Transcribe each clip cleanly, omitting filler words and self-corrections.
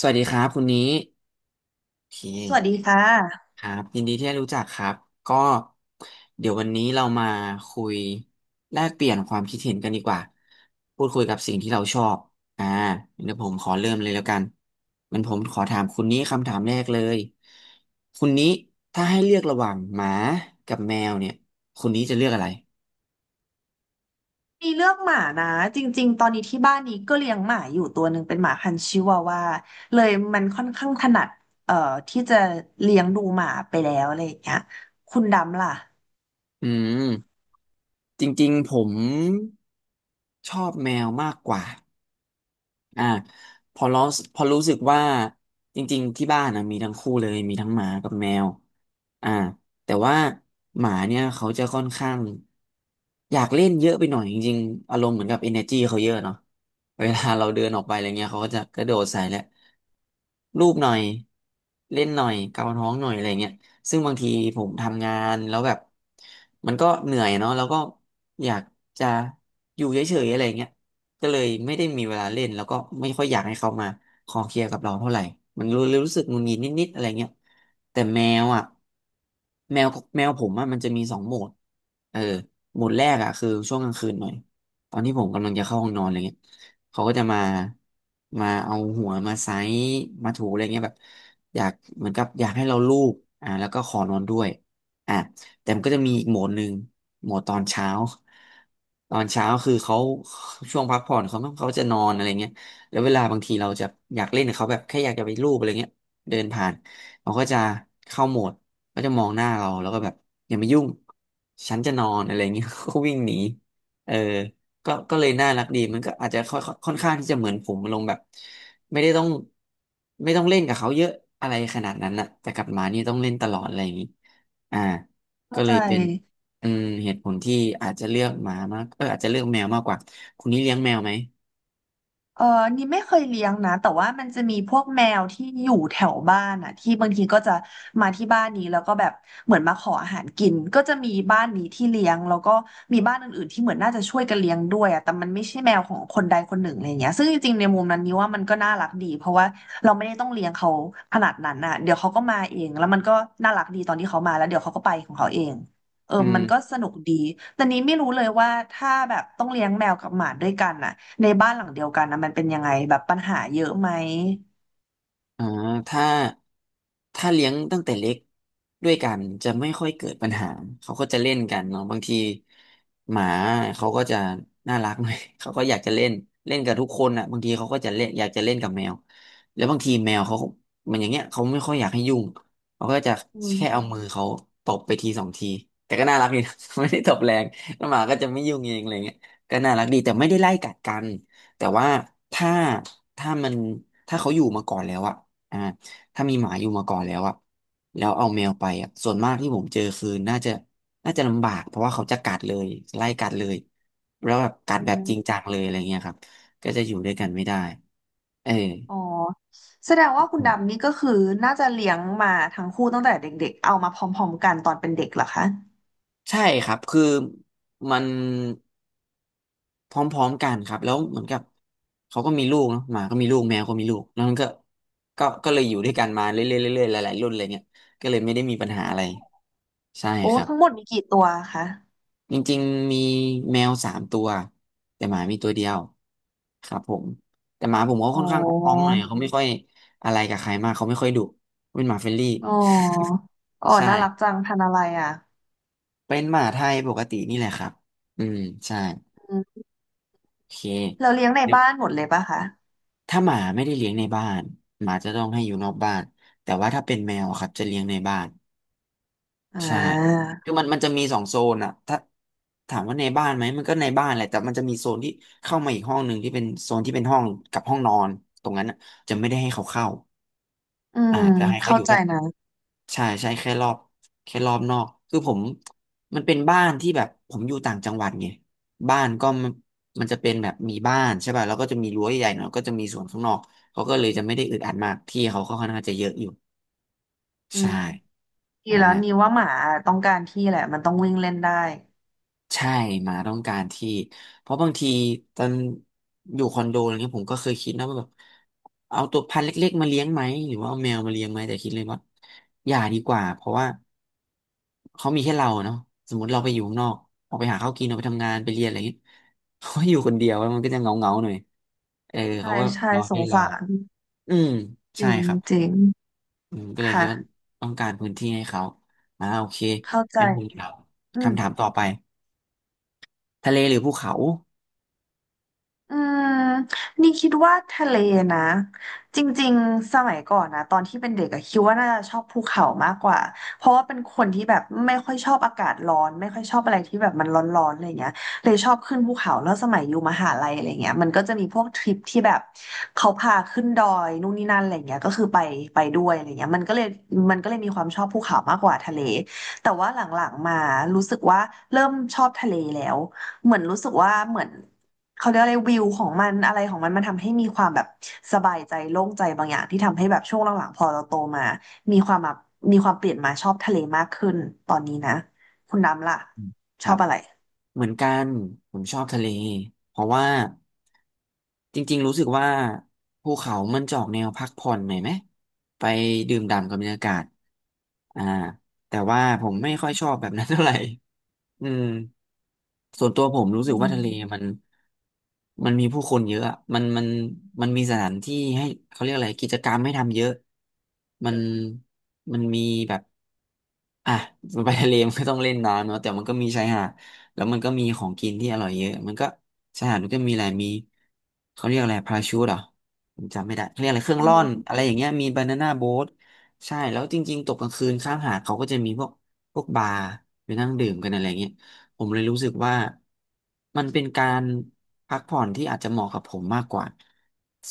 สวัสดีครับคุณนี้โอเคสวัสดีค่ะ ครับยินดีที่ได้รู้จักครับก็เดี๋ยววันนี้เรามาคุยแลกเปลี่ยนความคิดเห็นกันดีกว่าพูดคุยกับสิ่งที่เราชอบอ่าเดี๋ยวผมขอเริ่มเลยแล้วกันมันผมขอถามคุณนี้คำถามแรกเลยคุณนี้ถ้าให้เลือกระหว่างหมากับแมวเนี่ยคุณนี้จะเลือกอะไรมีเรื่องหมานะ จริงๆ ตอนนี้ที่บ้านนี้ก็เลี้ยงหมาอยู่ตัวหนึ่งเป็นหมาพันธุ์ชิวาวาเลยมันค่อนข้างถนัดเอ่อที่จะเลี้ยงดูหมาไปแล้วอะไรอย่างเงี้ยคุณดำล่ะ อืมจริงๆผมชอบแมวมากกว่า อ่าพอรู้พอรู้สึกว่าจริงๆที่บ้านนะมีทั้งคู่เลยมีทั้งหมากับแมวอ่าแต่ว่าหมาเนี่ยเขาจะค่อนข้างอยากเล่นเยอะไปหน่อยจริงๆอารมณ์เหมือนกับ energy เขาเยอะเนาะเวลาเราเดินออกไปอะไรเงี้ยเขาก็จะกระโดดใส่แหละรูปหน่อยเล่นหน่อยเกาท้องหน่อยอะไรเงี้ยซึ่งบางทีผมทำงานแล้วแบบมันก็เหนื่อยเนาะแล้วก็อยากจะอยู่เฉยๆอะไรเงี้ย ก็เลยไม่ได้มีเวลาเล่นแล้วก็ไม่ค่อยอยากให้เขามาคอเคลียร์กับเราเท่าไหร่ มันรู้เลยรู้สึกหงุนหงิดนิดๆอะไรเงี้ยแต่แมวอ่ะแมวแมวผมอ่ะมันจะมีสองโหมดเออโหมดแรกอ่ะคือช่วงกลางคืนหน่อยตอนที่ผมกำลังจะเข้าห้องนอนอะไรเงี้ยเขาก็จะมามาเอาหัวมาไซส์มาถูอะไรเงี้ยแบบอยากเหมือนกับอยากให้เราลูบแล้วก็ขอนอนด้วยอ่ะ แต่มันก็จะมีอีกโหมดหนึ่งโหมดตอนเช้าตอนเช้าคือเขาช่วงพักผ่อนเขาจะนอนอะไรเงี้ยแล้วเวลาบางทีเราจะอยากเล่นกับเขาแบบแค่อยากจะไปรูปอะไรเงี้ยเดินผ่านเขาก็จะเข้าโหมดก็จะมองหน้าเราแล้วก็แบบอย่ามายุ่งฉันจะนอนอะไรเงี้ย ก็วิ่งหนีเออก็เลยน่ารักดีมันก็อาจจะค่อยค่อนข้างที่จะเหมือนผมลงแบบไม่ได้ต้องไม่ต้องเล่นกับเขาเยอะอะไรขนาดนั้นนะแต่กับหมานี่ต้องเล่นตลอดอะไรอย่างนี้อ่า ก็เข้าเลใจ ยเป็นอืมเหตุผลที่อาจจะเลือกหมามากเอออาจจะเลือกแมวมากกว่าคุณนี่เลี้ยงแมวไหมเออนี่ไม่เคยเลี้ยงนะแต่ว่ามันจะมีพวกแมวที่อยู่แถวบ้านอ่ะที่บางทีก็จะมาที่บ้านนี้แล้วก็แบบเหมือนมาขออาหารกินก็จะมีบ้านนี้ที่เลี้ยงแล้วก็มีบ้านอื่นๆที่เหมือนน่าจะช่วยกันเลี้ยงด้วยอ่ะแต่มันไม่ใช่แมวของคนใดคนหนึ่งอะไรเงี้ยซึ่งจริงๆในมุมนั้นนี่ว่ามันก็น่ารักดีเพราะว่าเราไม่ได้ต้องเลี้ยงเขาขนาดนั้นอ่ะเดี๋ยวเขาก็มาเองแล้วมันก็น่ารักดีตอนที่เขามาแล้วเดี๋ยวเขาก็ไปของเขาเอง เอออืมันก็ม สนุกดี แต่นี้ไม่รู้เลยว่าถ้าแบบต้องเลี้ยงแมวกับหมาด้วยกันน่ะในบ้านหลังเดียวกันนะมันเป็นยังไงแบบปัญหาเยอะไหมอ่าถ้าถ้าเลี้ยงตั้งแต่เล็กด้วยกันจะไม่ค่อยเกิดปัญหาเขาก็จะเล่นกันเนาะบางทีหมาเขาก็จะน่ารักหน่อย เขาก็อยากจะเล่นเล่นกับทุกคนอ่ะบางทีเขาก็จะเล่นอยากจะเล่นกับแมวแล้วบางทีแมวเขามันอย่างเงี้ยเขาไม่ค่อยอยากให้ยุ่งเขาก็จะอืแค่เอามมือเขาตบไปทีสองทีแต่ก็น่ารักดีนะ ไม่ได้ตบแรงแล้วหมาก็จะไม่ยุ่งเองอะไรเงี้ยก็น่ารักดีแต่ไม่ได้ไล่กัดกันแต่ว่าถ้าถ้ามันถ้าเขาอยู่มาก่อนแล้วอะ อ่าถ้ามีหมาอยู่มาก่อนแล้วอ่ะแล้วเอาแมวไปอ่ะส่วนมากที่ผมเจอคือน่าจะลำบากเพราะว่าเขาจะกัดเลยไล่กัดเลยแล้วแบบกัอืดแบบจริงมจังเลยอะไรเงี้ยครับก็จะอยู่ด้วยกันไม่ได้เอออ๋อแสดงว่าคุณดำนี่ก็คือน่าจะเลี้ยงมาทั้งคู่ตั้งแต่เด็กๆ เอามาพร้อมๆกันตอนเป็นเด็กเหรอคะใช่ครับคือมันพร้อมๆกันครับแล้วเหมือนกับเขาก็มีลูกเนาะหมาก็มีลูกแมวก็มีลูกแล้วมันก็ก็เลยอยู่ด้วยกันมาเรื่อยๆเรื่อยๆหลายๆรุ่นเลยเนี่ยก็เลยไม่ได้มีปัญหาอะไรใช่โอ้ครับ ทั้งหมดมีกี่ตัวคะ จริงๆมีแมวสามตัวแต่หมามีตัวเดียวครับผมแต่หมาผมก็อ๋ค่อนข้างอ้องๆหอ น่อยเขาไม่ค่อยอะไรกับใครมากเขาไม่ค่อยดุเป็นหมาเฟรนลี่อ๋อ อ๋อใช่น่ารักจังพันธุ์อะไรอ่ะเป็นหมาไทยปกตินี่แหละครับอืมใช่อืมโอเคเราเลี้ยงในบ้านหมดเลยปะคะถ้าหมาไม่ได้เลี้ยงในบ้านหมาจะต้องให้อยู่นอกบ้านแต่ว่าถ้าเป็นแมวอะครับจะเลี้ยงในบ้าน อ่ใช่าคือมันจะมีสองโซนอะถ้าถามว่าในบ้านไหม มันก็ในบ้านแหละแต่มันจะมีโซนที่เข้ามาอีกห้องหนึ่งที่เป็นโซนที่เป็นห้องกับห้องนอน ตรงนั้นอะจะไม่ได้ให้เขาเข้าอืมจะให้เขาเข้าอยู่ใจแค่นะใช่ใช่แค่รอบแค่รอบนอกคือผมมันเป็นบ้านที่แบบผมอยู่ต่างจังหวัดไงบ้านก็มันมันจะเป็นแบบมีบ้านใช่ป่ะแล้วก็จะมีรั้วใหญ่หน่อยก็จะมีสวนข้างนอกเขาก็เลยจะไม่ได้อึดอัดมากที่เขาก็ค่อนข้างจะเยอะอยู่อืใช่ม ดีอแล้วนี่่า ว่าหมาต้องการที่แหละมันต้องวิ่งเล่นได้ใช่หมาต้องการที่เพราะบางทีตอนอยู่คอนโดอะไรเงี้ยผมก็เคยคิดนะว่าแบบเอาตัวพันธุ์เล็กๆมาเลี้ยงไหมหรือว่าเอาแมวมาเลี้ยงไหมแต่คิดเลยว่าอย่าดีกว่าเพราะว่าเขามีแค่เราเนาะสมมติเราไปอยู่ข้างนอกออกไปหาข้าวกินออกไปทำงานไปเรียนอะไรเงี้ย เขาก็อยู่คนเดียวแล้วมันก็จะเงาเงาหน่อยเออใช่เขาก็ใช่นอสให้งเราสารอืมจใช่ริงครับจริงอืมก็เลยคิค่ะดว่าต้องการพื้นที่ให้เขาอ่าโอเคเข้าใจงั้นผมถามอืม คำถามต่อไปทะเลหรือภูเขา อืมนี่คิดว่าทะเลนะจริงๆสมัยก่อนนะตอนที่เป็นเด็กอะคิดว่าน่าจะชอบภูเขามากกว่าเพราะว่าเป็นคนที่แบบไม่ค่อยชอบอากาศร้อนไม่ค่อยชอบอะไรที่แบบมันร้อนๆอะไรเงี้ยเลยชอบขึ้นภูเขาแล้วสมัยอยู่มหาลัยอะไรเงี้ยมันก็จะมีพวกทริปที่แบบเขาพาขึ้นดอยนู่นนี่นั่นอะไรเงี้ยก็คือไปไปด้วยอะไรเงี้ยมันก็เลยมีความชอบภูเขามากกว่าทะเลแต่ว่าหลังๆมารู้สึกว่าเริ่มชอบทะเลแล้วเหมือนรู้สึกว่าเหมือน เขาเรียกอะไรวิวของมันอะไรของมันมันทำให้มีความแบบสบายใจโล่งใจบางอย่างที่ทำให้แบบช่วงหลังๆพอเราโตมามีความแบบมีความเปลี่ยนมาชอบทะเลมากขึ้นตอนนี้นะคุณน้ำล่ะคชรัอบบอะไรเหมือนกันผมชอบทะเลเพราะว่าจริงๆรู้สึกว่าภูเขามันจะออกแนวพักผ่อนหน่อยไหมไปดื่มด่ำกับบรรยากาศอ่าแต่ว่าผมอืไม่ค่อยชอบมแบบนั้นเท่าไหร่ อืมส่วนตัวผมรู้สึกอืว่าทะเลมัมนมันมีผู้คนเยอะอะมันมันมีสถานที่ให้เขาเรียกอะไรกิจกรรมให้ทำเยอะมันมันมีแบบ อ่ะไปทะเลมันก็ต้องเล่นน้ำเนาะแต่มันก็มีชายหาดแล้วมันก็มีของกินที่อร่อยเยอะมันก็ชายหาดมันก็มีอะไรมีเขาเรียกอะไรพาราชูทเหรอผมจำไม่ได้เขาเรียกอะไรเครื่ออืงร่อนมอะไรอย่างเงี้ยมีบานาน่าโบ๊ทใช่แล้วจริงๆตกกลางคืนข้างหาดเขาก็จะมีพวกบาร์ไปนั่งดื่มกันอะไรเงี้ยผมเลยรู้สึกว่ามันเป็นการพักผ่อนที่อาจจะเหมาะกับผมมากกว่า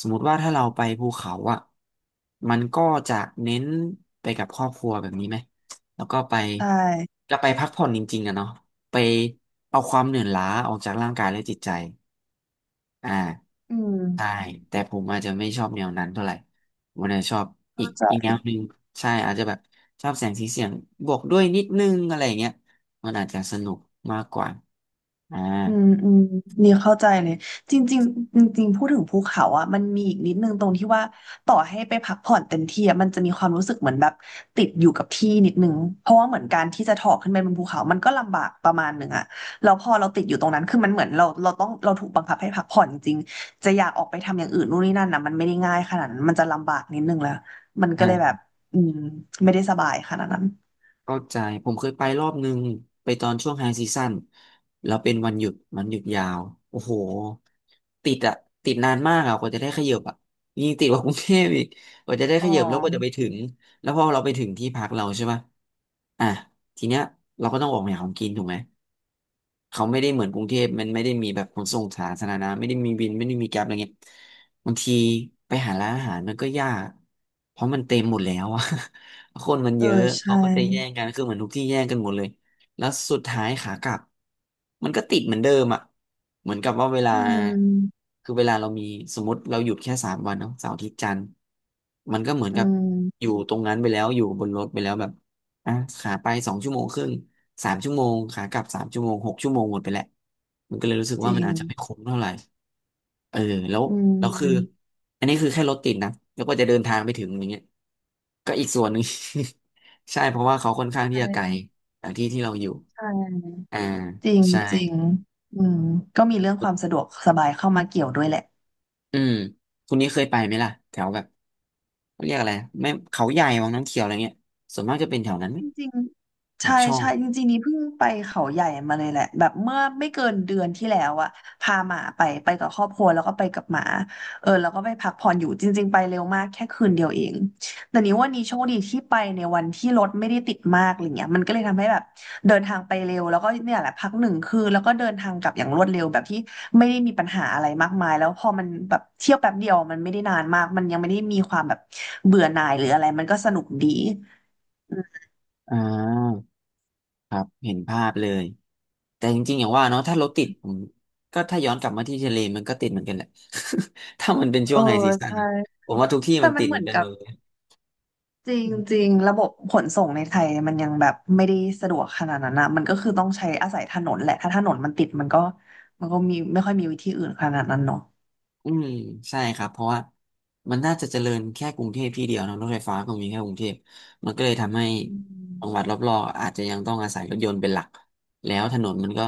สมมติว่าถ้าเราไปภูเขาอ่ะมันก็จะเน้นไปกับครอบครัวแบบนี้ไหม แล้วก็ไปใช่จะไปพักผ่อนจริงๆอะเนาะไปเอาความเหนื่อยล้าออกจากร่างกายและจิตใจอ่าอืใช่มแต่ผมอาจจะไม่ชอบแนวนั้นเท่าไหร่ผมอาจจะชอบอีเข้ากใจ อีกแนวหนึ่งใช่อาจจะแบบชอบแสงสีเสียงบวกด้วยนิดนึงอะไรอย่างเงี้ยมันอาจจะสนุกมากกว่าอ่า อืมอืมนี่เข้าใจเลยจริงๆจริงๆพูดถึงภูเขาอ่ะมันมีอีกนิดนึงตรงที่ว่าต่อให้ไปพักผ่อนเต็มที่อ่ะมันจะมีความรู้สึกเหมือนแบบติดอยู่กับที่นิดนึงเพราะว่าเหมือนการที่จะถอกขึ้นไปบนภูเขามันก็ลำบากประมาณหนึ่งอ่ะแล้วพอเราติดอยู่ตรงนั้นคือมันเหมือนเราต้องเราถูกบังคับให้พักผ่อนจริงๆจะอยากออกไปทำอย่างอื่นนู่นนี่นั่นนะมันไม่ได้ง่ายขนาดนั้นมันจะลำบากนิดนึงแล้วมันก็เลยแบบอืมไม่ได้สบายขนาดนั้นเข้าใจผมเคยไปรอบนึงไปตอนช่วงไฮซีซั่นแล้วเป็นวันหยุดมันหยุดยาวโอ้โหติดอะติดนานมากอะกว่าจะได้ขยับอะยิ่งติดกว่ากรุงเทพอีกกว่าจะได้อ๋ขอยับแล้วกว่าจะไปถึงแล้วพอเราไปถึงที่พักเราใช่ปะอ่ะทีเนี้ยเราก็ต้องออกไปหาของกินถูกไหม เขาไม่ได้เหมือนกรุงเทพมันไม่ได้มีแบบขนส่งสาธารณะไม่ได้มีวินไม่ได้มีแกร็บอะไรเงี้ยบางทีไปหาร้านอาหารมันก็ยากเพราะมันเต็มหมดแล้วอะ คนมันเอเยออะเขาใช่ก็จะแย่งกันคือเหมือนทุกที่แย่งกันหมดเลยแล้วสุดท้ายขากลับมันก็ติดเหมือนเดิมอะเหมือนกับว่าเวลาอืมคือเวลาเรามีสมมติเราหยุดแค่สามวันเนาะเสาร์อาทิตย์จันทร์มันก็เหมือนอืกับอมยู่ตรงนั้นไปแล้วอยู่บนรถไปแล้วแบบ อ่ะขาไปสองชั่วโมงครึ่งสามชั่วโมงขากลับสามชั่วโมงหกชั่วโมงหมดไปแหล้วมันก็เลยรู้สึกจว่าริมันง อาจจะไม่คุ้มเท่าไหร่เออแล้วอืแล้วคือมอันนี้คือแค่รถติดนะแล้วก็จะเดินทางไปถึงอย่างเงี้ยก็อีกส่วนหนึ่ง ใช่เพราะว่าเขาค่อนข้างใชที่จะไกล่จากที่ที่เราอยู่ใช่อ่าจริงใช่จริงอืมก็มีเรื่องความสะดวกสบายเข้ามาเกี่ยวด้วยแหละ อืมคุณนี้เคยไปไหมล่ะแถวแบบเขาเรียกอะไรแม่เขาใหญ่วังน้ำเขียวอะไรเงี้ยส่วนมากจะเป็นแถวนั้นไหมจริงๆปาใช่กช่องใช่จริงๆนี่เพิ่งไปเขาใหญ่มาเลยแหละแบบเมื่อไม่เกินเดือนที่แล้วอะพาหมาไปไปกับครอบครัวแล้วก็ไปกับหมาเออแล้วก็ไปพักผ่อนอยู่จริงๆไปเร็วมากแค่คืนเดียวเองแต่นี้ว่านี้โชคดีที่ไปในวันที่รถไม่ได้ติดมากอะไรเงี้ยมันก็เลยทำให้แบบเดินทางไปเร็วแล้วก็เนี่ยแหละพักหนึ่งคืนแล้วก็เดินทางกลับอย่างรวดเร็วแบบที่ไม่ได้มีปัญหาอะไรมากมายแล้วพอมันแบบเที่ยวแป๊บเดียวมันไม่ได้นานมากมันยังไม่ได้มีความแบบเบื่อหน่ายหรืออะไรมันก็สนุกดี อ่าครับเห็นภาพเลย แต่จริงๆอย่างว่าเนาะถ้ารถติดผมก็ถ้าย้อนกลับมาที่ทะเลมันก็ติดเหมือนกันแหละ ถ้ามันเป็นเอช่อวงไฮซีซั่นใช่ผมว่าทุกที่แต่มันมัตินดเหเหมืมืออนนกันหกัมบดเลยจริงๆระบบขนส่งในไทยมันยังแบบไม่ได้สะดวกขนาดนั้นนะมันก็คือต้องใช้อาศัยถนนแหละถ้าถนนมันติดมันก็มีไม่ค่อยมีวิธีอื่นขนาดนั้นเนาะอืมใช่ครับเพราะว่ามันน่าจะเจริญแค่กรุงเทพที่เดียวเนอะรถไฟฟ้าก็มีแค่กรุงเทพมันก็เลยทำให้อืจังหวัดมรอบๆอาจจะยังต้องอาศัยรถยนต์เป็นหลักแล้วถนนมันก็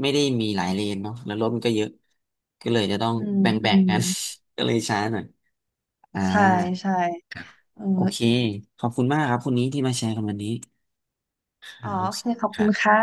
ไม่ได้มีหลายเลนเนาะแล้วรถมันก็เยอะก็เลยจะต้องอืมแบอื่งๆมกัน ก็เลยช้าหน่อยอ่า ใช่ใช่ครับเออโอเค ขอบคุณมากครับคุณนี้ที่มาแชร์กันวันนี้ คอ๋อรับโอเคขอบคคุรัณบค่ะ